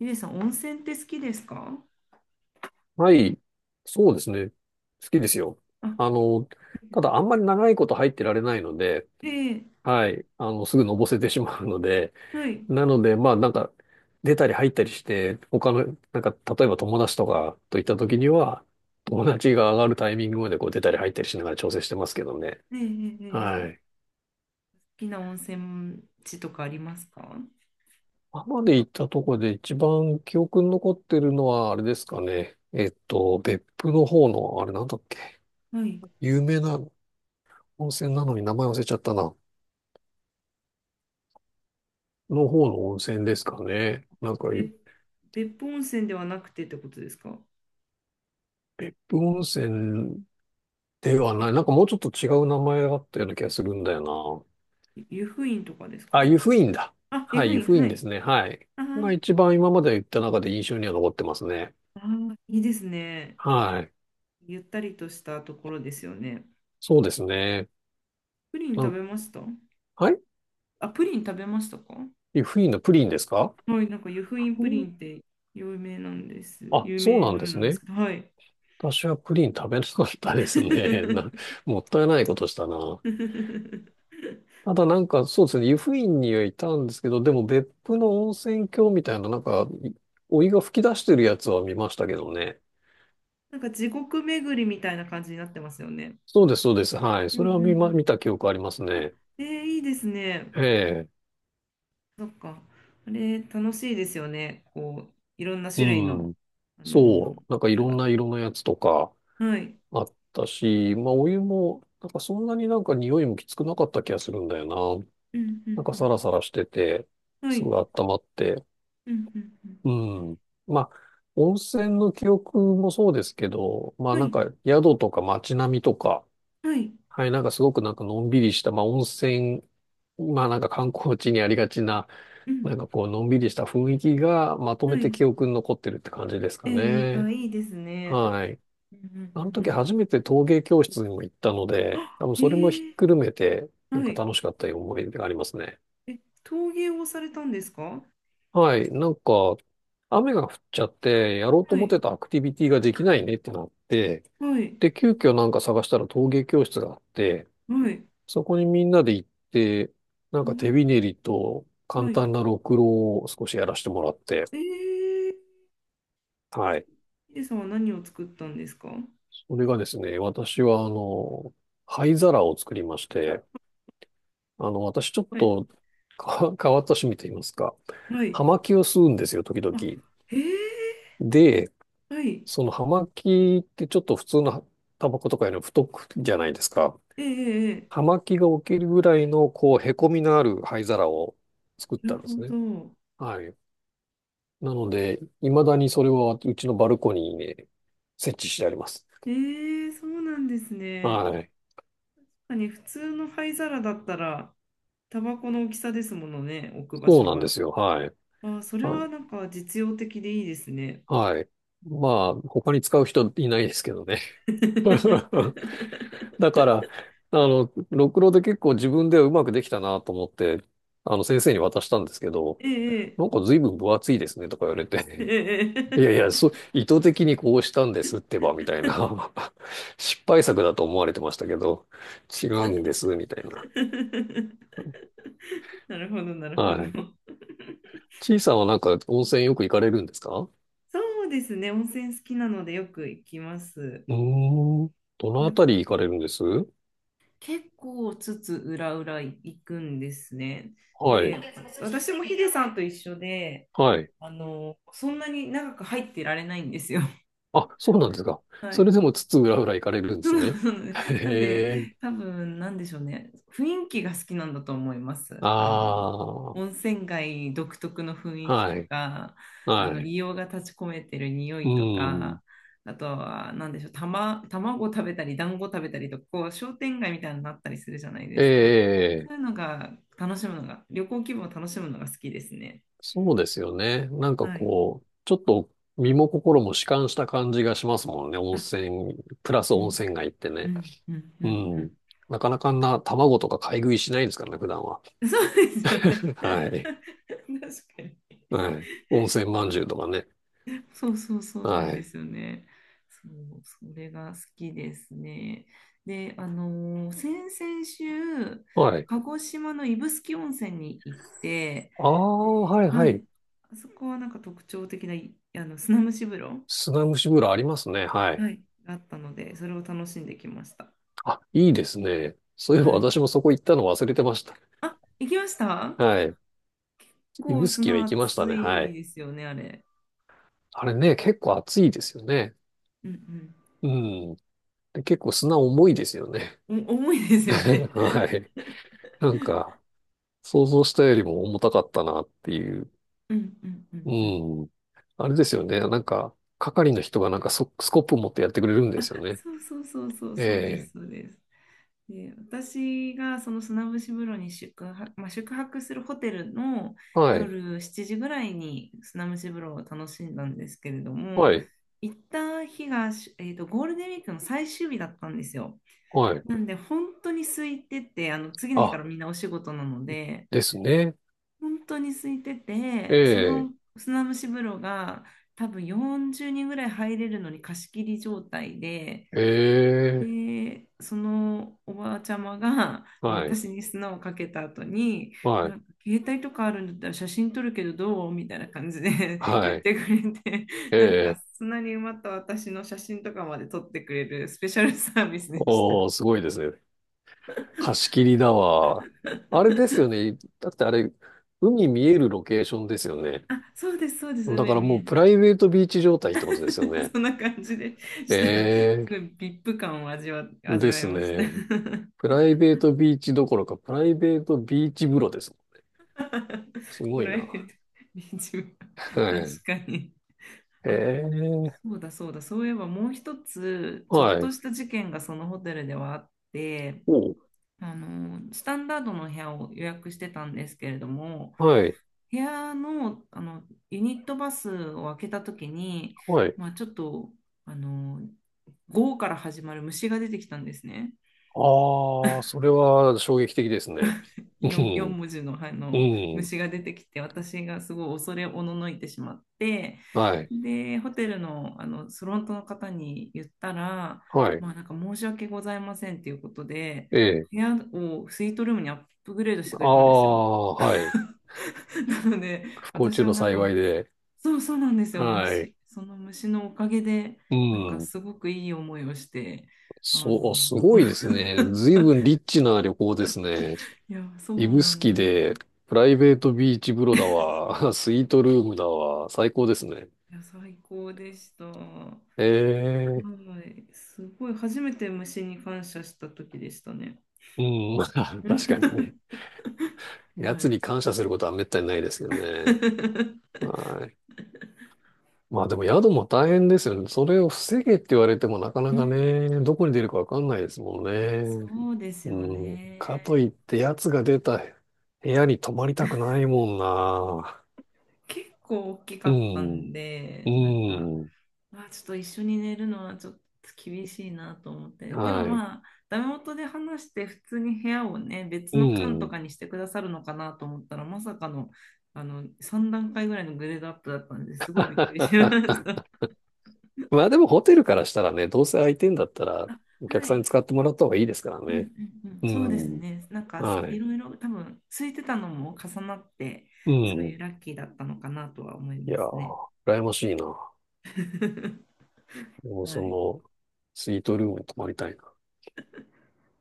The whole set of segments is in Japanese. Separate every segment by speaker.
Speaker 1: ゆりさん、温泉って好きですか？
Speaker 2: はい。そうですね。好きですよ。
Speaker 1: あ、
Speaker 2: あの、ただあんまり長いこと入ってられないので、
Speaker 1: ええ、
Speaker 2: はい。すぐのぼせてしまうので、
Speaker 1: はい。
Speaker 2: なので、出たり入ったりして、他の、例えば友達とかといった時には、友達が上がるタイミングまでこう出たり入ったりしながら調整してますけどね。
Speaker 1: ええええ
Speaker 2: は
Speaker 1: ええ
Speaker 2: い。
Speaker 1: 好きな温泉地とかありますか？
Speaker 2: 今まで行ったとこで一番記憶に残ってるのは、あれですかね。別府の方の、あれなんだっけ。
Speaker 1: はい。
Speaker 2: 有名な温泉なのに名前忘れちゃったな。の方の温泉ですかね。なんか、
Speaker 1: べ、別府温泉ではなくてってことですか？
Speaker 2: 別府温泉ではない。なんかもうちょっと違う名前があったような気がするんだよな。
Speaker 1: 湯布院とかですか
Speaker 2: あ、
Speaker 1: ね。
Speaker 2: 湯布院だ。
Speaker 1: あ、湯
Speaker 2: はい、
Speaker 1: 布
Speaker 2: 湯
Speaker 1: 院、
Speaker 2: 布院
Speaker 1: は
Speaker 2: で
Speaker 1: い。
Speaker 2: すね。はい。
Speaker 1: あ
Speaker 2: が
Speaker 1: ー
Speaker 2: 一番今まで言った中で印象には残ってますね。
Speaker 1: あー、いいですね。
Speaker 2: はい。
Speaker 1: ゆったりとしたところですよね。
Speaker 2: そうですね。
Speaker 1: プリン
Speaker 2: な
Speaker 1: 食
Speaker 2: ん
Speaker 1: べました？
Speaker 2: はい
Speaker 1: あ、プリン食べましたか？
Speaker 2: 湯布院のプリンですか。
Speaker 1: はい、なんか湯布院
Speaker 2: う
Speaker 1: プリ
Speaker 2: ん。
Speaker 1: ンって有名なんです。
Speaker 2: あ、
Speaker 1: 有
Speaker 2: そう
Speaker 1: 名
Speaker 2: なん
Speaker 1: の
Speaker 2: で
Speaker 1: よう
Speaker 2: す
Speaker 1: なんで
Speaker 2: ね。
Speaker 1: すけど、はい。
Speaker 2: 私はプリン食べなかったですね。な、もったいないことしたな。ただなんか、そうですね、湯布院にはいたんですけど、でも別府の温泉郷みたいな、なんか、いお湯が噴き出してるやつは見ましたけどね。
Speaker 1: なんか地獄巡りみたいな感じになってますよね。
Speaker 2: そうです、そうです。はい。
Speaker 1: う
Speaker 2: そ
Speaker 1: んう
Speaker 2: れは
Speaker 1: んう
Speaker 2: 見ま、
Speaker 1: ん。
Speaker 2: 見た記憶あります
Speaker 1: あ、
Speaker 2: ね。
Speaker 1: いいですね。
Speaker 2: ええ。
Speaker 1: そっか。あれ、楽しいですよね。こう、いろんな
Speaker 2: う
Speaker 1: 種類の、
Speaker 2: ん。
Speaker 1: あのー
Speaker 2: そう。なんか
Speaker 1: や
Speaker 2: い
Speaker 1: つ
Speaker 2: ろん
Speaker 1: が。
Speaker 2: な色のやつとか
Speaker 1: はい。
Speaker 2: あったし、まあお湯も、なんかそんなになんか匂いもきつくなかった気がするんだよな。
Speaker 1: うんう
Speaker 2: なんかサ
Speaker 1: ん
Speaker 2: ラサラしてて、
Speaker 1: うん。は
Speaker 2: すご
Speaker 1: い。
Speaker 2: い温まって。
Speaker 1: うんうんうん。
Speaker 2: うん。まあ、温泉の記憶もそうですけど、まあ
Speaker 1: は
Speaker 2: なん
Speaker 1: い。
Speaker 2: か宿とか街並みとか、
Speaker 1: はい。
Speaker 2: はい、なんかすごくなんかのんびりした、まあ温泉、まあなんか観光地にありがちな、
Speaker 1: う
Speaker 2: なん
Speaker 1: ん。
Speaker 2: かこうのんびりした雰囲気がまとめ
Speaker 1: は
Speaker 2: て
Speaker 1: い。
Speaker 2: 記憶に残ってるって感じです
Speaker 1: え
Speaker 2: かね。
Speaker 1: あ、いいですね。
Speaker 2: はい。
Speaker 1: うんう
Speaker 2: あの
Speaker 1: んうん
Speaker 2: 時
Speaker 1: うん。
Speaker 2: 初めて陶芸教室にも行ったので、多
Speaker 1: あ、
Speaker 2: 分それもひ
Speaker 1: へ
Speaker 2: っ
Speaker 1: え。
Speaker 2: くるめて、なん
Speaker 1: は
Speaker 2: か
Speaker 1: い。
Speaker 2: 楽しかったいう思い出がありますね。
Speaker 1: え、陶芸をされたんですか？
Speaker 2: はい、なんか、雨が降っちゃって、やろうと
Speaker 1: は
Speaker 2: 思っ
Speaker 1: い。
Speaker 2: てたアクティビティができないねってなって、
Speaker 1: はい。
Speaker 2: で、急遽なんか探したら陶芸教室があって、
Speaker 1: はい。
Speaker 2: そこにみんなで行って、なん
Speaker 1: は
Speaker 2: か手び
Speaker 1: い。
Speaker 2: ねりと
Speaker 1: は
Speaker 2: 簡
Speaker 1: い。
Speaker 2: 単なろくろを少しやらせてもらって、
Speaker 1: えー
Speaker 2: はい。
Speaker 1: ヒデさんは何を作ったんですか？は
Speaker 2: それがですね、私はあの、灰皿を作りまして、あの、私ちょっと
Speaker 1: い。
Speaker 2: か変わった趣味と言いますか、
Speaker 1: はい。
Speaker 2: 葉巻を吸うんですよ、時
Speaker 1: あ、
Speaker 2: 々。
Speaker 1: へえ。
Speaker 2: で、
Speaker 1: はい。
Speaker 2: その葉巻ってちょっと普通のタバコとかよりも太くじゃないですか。
Speaker 1: ええ、ええ。
Speaker 2: 葉巻が起きるぐらいの、こう、へこみのある灰皿を作っ
Speaker 1: なる
Speaker 2: たんで
Speaker 1: ほ
Speaker 2: すね。
Speaker 1: ど。
Speaker 2: はい。なので、未だにそれはうちのバルコニーにね、設置してあります。
Speaker 1: ええ、そうなんですね。
Speaker 2: はい。
Speaker 1: 確かに普通の灰皿だったら、タバコの大きさですものね、置く場
Speaker 2: そう
Speaker 1: 所
Speaker 2: なんで
Speaker 1: が。
Speaker 2: すよ。はい。
Speaker 1: あ、それ
Speaker 2: あ、
Speaker 1: はなんか実用的でいいですね。
Speaker 2: はい。まあ、他に使う人いないですけどね。だから、ろくろで結構自分ではうまくできたなと思って、先生に渡したんですけど、
Speaker 1: ええ、
Speaker 2: なんか随分分厚いですねとか言われ
Speaker 1: え
Speaker 2: て、
Speaker 1: え、
Speaker 2: い
Speaker 1: え
Speaker 2: やいや、そう、意図的にこうしたんですってば、みたいな。失敗作だと思われてましたけど、違うんです、みたい
Speaker 1: え。
Speaker 2: な。
Speaker 1: なるほど、なるほど。
Speaker 2: はい。ちいさんはなんか温泉よく行かれるんですか。う
Speaker 1: そうですね、温泉好きなのでよく行きます。
Speaker 2: ーん。どのあたり行かれるんですは
Speaker 1: 結構裏裏行くんですね。で、
Speaker 2: い。
Speaker 1: 私もヒデさんと一緒で、
Speaker 2: はい。
Speaker 1: そんなに長く入ってられないんですよ。
Speaker 2: あ、そうなんですか。
Speaker 1: は
Speaker 2: そ
Speaker 1: い。
Speaker 2: れでも津々浦々行かれるんで
Speaker 1: そ
Speaker 2: す
Speaker 1: う
Speaker 2: ね。
Speaker 1: そうね、なんで、
Speaker 2: へえ。
Speaker 1: 多分なんでしょうね、雰囲気が好きなんだと思いま
Speaker 2: あ
Speaker 1: す。あの温
Speaker 2: あ、
Speaker 1: 泉街独特の雰囲気
Speaker 2: は
Speaker 1: と
Speaker 2: い、
Speaker 1: か、あ
Speaker 2: は
Speaker 1: の
Speaker 2: い。
Speaker 1: 硫黄が立ち込めてる匂
Speaker 2: う
Speaker 1: いと
Speaker 2: ん。
Speaker 1: か、あとは、なんでしょう、卵食べたり、団子食べたりとか、こう商店街みたいになったりするじゃないで
Speaker 2: え
Speaker 1: すか。そ
Speaker 2: え、
Speaker 1: ういうのが楽しむのが、旅行気分を楽しむのが好きですね。
Speaker 2: そうですよね。なんか
Speaker 1: はい。
Speaker 2: こう、ちょっと身も心も弛緩した感じがしますもんね。温
Speaker 1: あ、
Speaker 2: 泉、プラス
Speaker 1: う
Speaker 2: 温
Speaker 1: ん、
Speaker 2: 泉街って
Speaker 1: う
Speaker 2: ね。
Speaker 1: ん、うん、う
Speaker 2: うん。
Speaker 1: ん、
Speaker 2: なかなかあんな卵とか買い食いしないですからね、普段は。
Speaker 1: うん。そうです よね。
Speaker 2: は い。
Speaker 1: 確かに。
Speaker 2: はい。温泉まんじゅうとかね。
Speaker 1: そうそうそう、なん
Speaker 2: は
Speaker 1: で
Speaker 2: い。
Speaker 1: すよね。そう、それが好きですね。で、先々週、
Speaker 2: はい。
Speaker 1: 鹿児島の指宿温泉に行って、
Speaker 2: あ
Speaker 1: で、
Speaker 2: あ、はいは
Speaker 1: はい、
Speaker 2: い。
Speaker 1: あそこはなんか特徴的な、あの砂蒸し風呂、
Speaker 2: 砂蒸し風呂ありますね。はい。
Speaker 1: はい、があったので、それを楽しんできました。
Speaker 2: あ、いいですね。そういえば
Speaker 1: はい。
Speaker 2: 私もそこ行ったの忘れてました。
Speaker 1: あ、行きました？
Speaker 2: はい。
Speaker 1: 結構
Speaker 2: 指宿は
Speaker 1: 砂
Speaker 2: 行きました
Speaker 1: 熱
Speaker 2: ね。は
Speaker 1: い
Speaker 2: い。
Speaker 1: ですよね、あれ。
Speaker 2: あれね、結構暑いですよね。
Speaker 1: うん
Speaker 2: うん。で結構砂重いですよね。
Speaker 1: うん。重いで すよね。
Speaker 2: は い。なんか、想像したよりも重たかったなっていう。
Speaker 1: うんうんう
Speaker 2: う
Speaker 1: んうん。
Speaker 2: ん。あれですよね。なんか、係の人がなんかソスコップ持ってやってくれるんですよね。
Speaker 1: そうそうそうそう、そうで
Speaker 2: え
Speaker 1: す、
Speaker 2: え。
Speaker 1: そうです。で、私がその砂節風呂にまあ、宿泊するホテルの
Speaker 2: はい。
Speaker 1: 夜7時ぐらいに砂蒸し風呂を楽しんだんですけれど
Speaker 2: は
Speaker 1: も、
Speaker 2: い。
Speaker 1: 行った日が、ゴールデンウィークの最終日だったんですよ。
Speaker 2: はい。
Speaker 1: なんで本当に空いてて、あの次の日か
Speaker 2: あ、
Speaker 1: らみんなお仕事なので、
Speaker 2: ですね。
Speaker 1: 本当に空いて
Speaker 2: え
Speaker 1: て、そ
Speaker 2: え。
Speaker 1: の砂蒸し風呂が多分40人ぐらい入れるのに貸し切り状態で。
Speaker 2: ええ。
Speaker 1: で、そのおばあちゃまがまあ
Speaker 2: はい。
Speaker 1: 私に砂をかけた後に、
Speaker 2: はい。
Speaker 1: なんか携帯とかあるんだったら写真撮るけどどう、みたいな感じで
Speaker 2: は
Speaker 1: 言っ
Speaker 2: い。
Speaker 1: てくれて、
Speaker 2: え
Speaker 1: なんか
Speaker 2: え。
Speaker 1: 砂に埋まった私の写真とかまで撮ってくれるスペシャルサービスでした。
Speaker 2: おー、すごいですね。貸し切りだわ。あれですよ ね。だってあれ、海見えるロケーションですよね。
Speaker 1: あ、そうです、そうです、
Speaker 2: だ
Speaker 1: 海
Speaker 2: から
Speaker 1: 見え
Speaker 2: もう
Speaker 1: る
Speaker 2: プラ
Speaker 1: ね。
Speaker 2: イベートビーチ状態ってことですよ ね。
Speaker 1: そんな感じでした。す
Speaker 2: ええ
Speaker 1: ごい v ップ感を味
Speaker 2: で
Speaker 1: わい
Speaker 2: す
Speaker 1: ました。
Speaker 2: ね。プライベートビーチどころか、プライベートビーチ風呂です。す
Speaker 1: プ
Speaker 2: ごい
Speaker 1: ライベ
Speaker 2: な。
Speaker 1: ートビーチ部、
Speaker 2: はい。
Speaker 1: 確かに。
Speaker 2: ええ
Speaker 1: そうだそうだ、そういえばもう一つ、ちょっ
Speaker 2: は
Speaker 1: と
Speaker 2: い。
Speaker 1: した事件がそのホテルではあって、
Speaker 2: おう
Speaker 1: スタンダードの部屋を予約してたんですけれども、
Speaker 2: はい。
Speaker 1: 部屋の、ユニットバスを開けた時に、
Speaker 2: はい。
Speaker 1: まあちょっと、あの、午後から始まる虫が出てきたんですね。
Speaker 2: ああ、それは衝撃的ですね。う
Speaker 1: 4
Speaker 2: ん。
Speaker 1: 文字の、あ
Speaker 2: う
Speaker 1: の
Speaker 2: ん。
Speaker 1: 虫が出てきて私がすごい恐れおののいてしまって、
Speaker 2: はい。
Speaker 1: でホテルの、あのフロントの方に言ったら、
Speaker 2: はい。
Speaker 1: まあ、なんか申し訳ございませんということで、
Speaker 2: ええ。
Speaker 1: 部屋をスイートルームにアップグレードしてく
Speaker 2: あ
Speaker 1: れたんですよ。
Speaker 2: あ、はい。
Speaker 1: なので、
Speaker 2: 不幸
Speaker 1: 私
Speaker 2: 中
Speaker 1: は
Speaker 2: の
Speaker 1: なんか、
Speaker 2: 幸いで。
Speaker 1: そうそうなんですよ、
Speaker 2: はい。
Speaker 1: 虫、その虫のおかげで、
Speaker 2: う
Speaker 1: なんか
Speaker 2: ん。
Speaker 1: すごくいい思いをして、あ
Speaker 2: そう、
Speaker 1: の
Speaker 2: すごいですね。随分リッチな旅行ですね。
Speaker 1: いや、そう
Speaker 2: 指
Speaker 1: な
Speaker 2: 宿
Speaker 1: んです
Speaker 2: で、
Speaker 1: よ。
Speaker 2: プライベートビーチ風呂だわ、スイートルームだわ、最高ですね。
Speaker 1: いや、最高でした。は
Speaker 2: ええ
Speaker 1: い、すごい、初めて虫に感謝した時でしたね。
Speaker 2: うん、まあ、
Speaker 1: うん
Speaker 2: 確かにね。
Speaker 1: は
Speaker 2: 奴に
Speaker 1: い。
Speaker 2: 感謝することはめったにないですよね。はい。まあでも宿も大変ですよね。それを防げって言われてもなか
Speaker 1: う
Speaker 2: なか
Speaker 1: ん、
Speaker 2: ね、どこに出るかわかんないですもんね。
Speaker 1: そうです
Speaker 2: う
Speaker 1: よ
Speaker 2: ん。
Speaker 1: ね。
Speaker 2: かといって奴が出た部屋に泊まりたくないもんな。
Speaker 1: 結構大きか
Speaker 2: う
Speaker 1: ったん
Speaker 2: ん、う
Speaker 1: で、なんか、
Speaker 2: ん、
Speaker 1: まあ、ちょっと一緒に寝るのはちょっと厳しいなと思って。でも
Speaker 2: はい、
Speaker 1: まあ、ダメ元で話して普通に部屋をね、別
Speaker 2: う
Speaker 1: の館と
Speaker 2: ん。
Speaker 1: かにしてくださるのかなと思ったら、まさかの、3段階ぐらいのグレードアップだったんで、すごいびっくりしまし た。
Speaker 2: まあでもホテルからしたらね、どうせ空いてんだった ら、
Speaker 1: あ、
Speaker 2: お客
Speaker 1: は
Speaker 2: さんに
Speaker 1: い。
Speaker 2: 使ってもらった方がいいですから
Speaker 1: うん
Speaker 2: ね。
Speaker 1: うんうん、
Speaker 2: う
Speaker 1: そうです
Speaker 2: ん、
Speaker 1: ね。なんか
Speaker 2: は
Speaker 1: い
Speaker 2: い、
Speaker 1: ろいろ多分空いてたのも重なって、
Speaker 2: う
Speaker 1: そうい
Speaker 2: ん。
Speaker 1: うラッキーだったのかなとは思い
Speaker 2: い
Speaker 1: ま
Speaker 2: や
Speaker 1: すね。
Speaker 2: ー、羨ましいな。もう
Speaker 1: は
Speaker 2: そ
Speaker 1: い。
Speaker 2: の、スイートルームに泊まりたいな。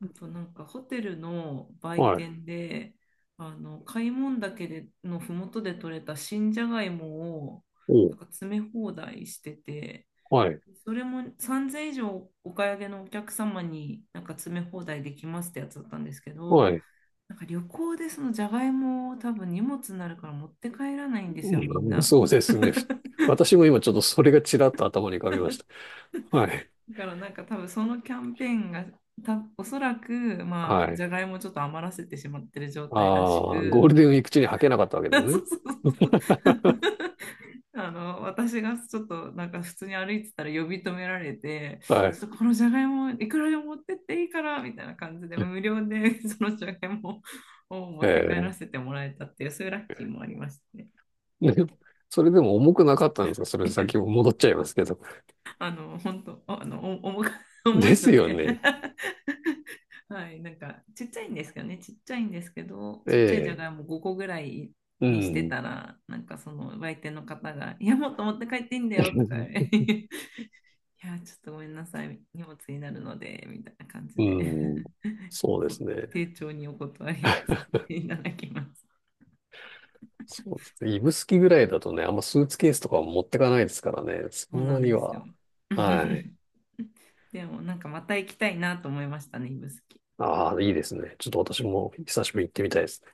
Speaker 1: あとなんかホテルの売
Speaker 2: はい、
Speaker 1: 店で、あの開聞岳でのふもとで採れた新じゃがいもを
Speaker 2: お
Speaker 1: なんか詰め放題してて、
Speaker 2: はい、
Speaker 1: それも3000以上お買い上げのお客様になんか詰め放題できますってやつだったんですけど、
Speaker 2: はい。
Speaker 1: なんか旅行でそのじゃがいもを多分荷物になるから持って帰らないんですよ、みん
Speaker 2: うん、
Speaker 1: な。
Speaker 2: そうですね。ふ私も今ちょっとそれがちらっと頭に浮かびました。はい、
Speaker 1: だからなんか多分そのキャンペーンがおそらくま
Speaker 2: は
Speaker 1: あじ
Speaker 2: い。
Speaker 1: ゃがいもをちょっと余らせてしまってる状態らし
Speaker 2: ああ、ゴー
Speaker 1: く、
Speaker 2: ルデンウィーク中に履けなかったわけです
Speaker 1: そ
Speaker 2: ね。
Speaker 1: うそうそうそう 私がちょっとなんか普通に歩いてたら呼び止められて、
Speaker 2: は
Speaker 1: ち
Speaker 2: い。
Speaker 1: ょっとこのじゃがいもいくらでも持ってっていいから、みたいな感じで無料で そのじゃがいもを持
Speaker 2: え
Speaker 1: って帰ら
Speaker 2: え
Speaker 1: せてもらえたっていう、そういうラッキーもありましたね。
Speaker 2: ね、それでも重くなかったんですかそれ先 も戻っちゃいますけど。
Speaker 1: 本当、お重く 重
Speaker 2: で
Speaker 1: い
Speaker 2: す
Speaker 1: の
Speaker 2: よ
Speaker 1: で
Speaker 2: ね。
Speaker 1: はい、なんか、ちっちゃいんですかね、ちっちゃいんですけど、ちっちゃいじゃ
Speaker 2: え
Speaker 1: がい
Speaker 2: え。
Speaker 1: も5個ぐらい
Speaker 2: う
Speaker 1: にして
Speaker 2: ん。
Speaker 1: たら、なんかその売店の方が、いや、もっと持って帰っていいんだよ、とか、いや、ちょっとごめんなさい、荷物になるので、みたいな感じ
Speaker 2: う
Speaker 1: で
Speaker 2: ん。そ うで
Speaker 1: こ
Speaker 2: すね。
Speaker 1: 丁重にお断りをさせていただきます。
Speaker 2: そうですね。指宿ぐらいだとね、あんまスーツケースとかは持ってかないですからね。
Speaker 1: そ
Speaker 2: そ
Speaker 1: う
Speaker 2: ん
Speaker 1: な
Speaker 2: な
Speaker 1: ん
Speaker 2: に
Speaker 1: ですよ。
Speaker 2: は。はい。
Speaker 1: でも、なんかまた行きたいなと思いましたね、指宿。
Speaker 2: ああ、いいですね。ちょっと私も久しぶりに行ってみたいです。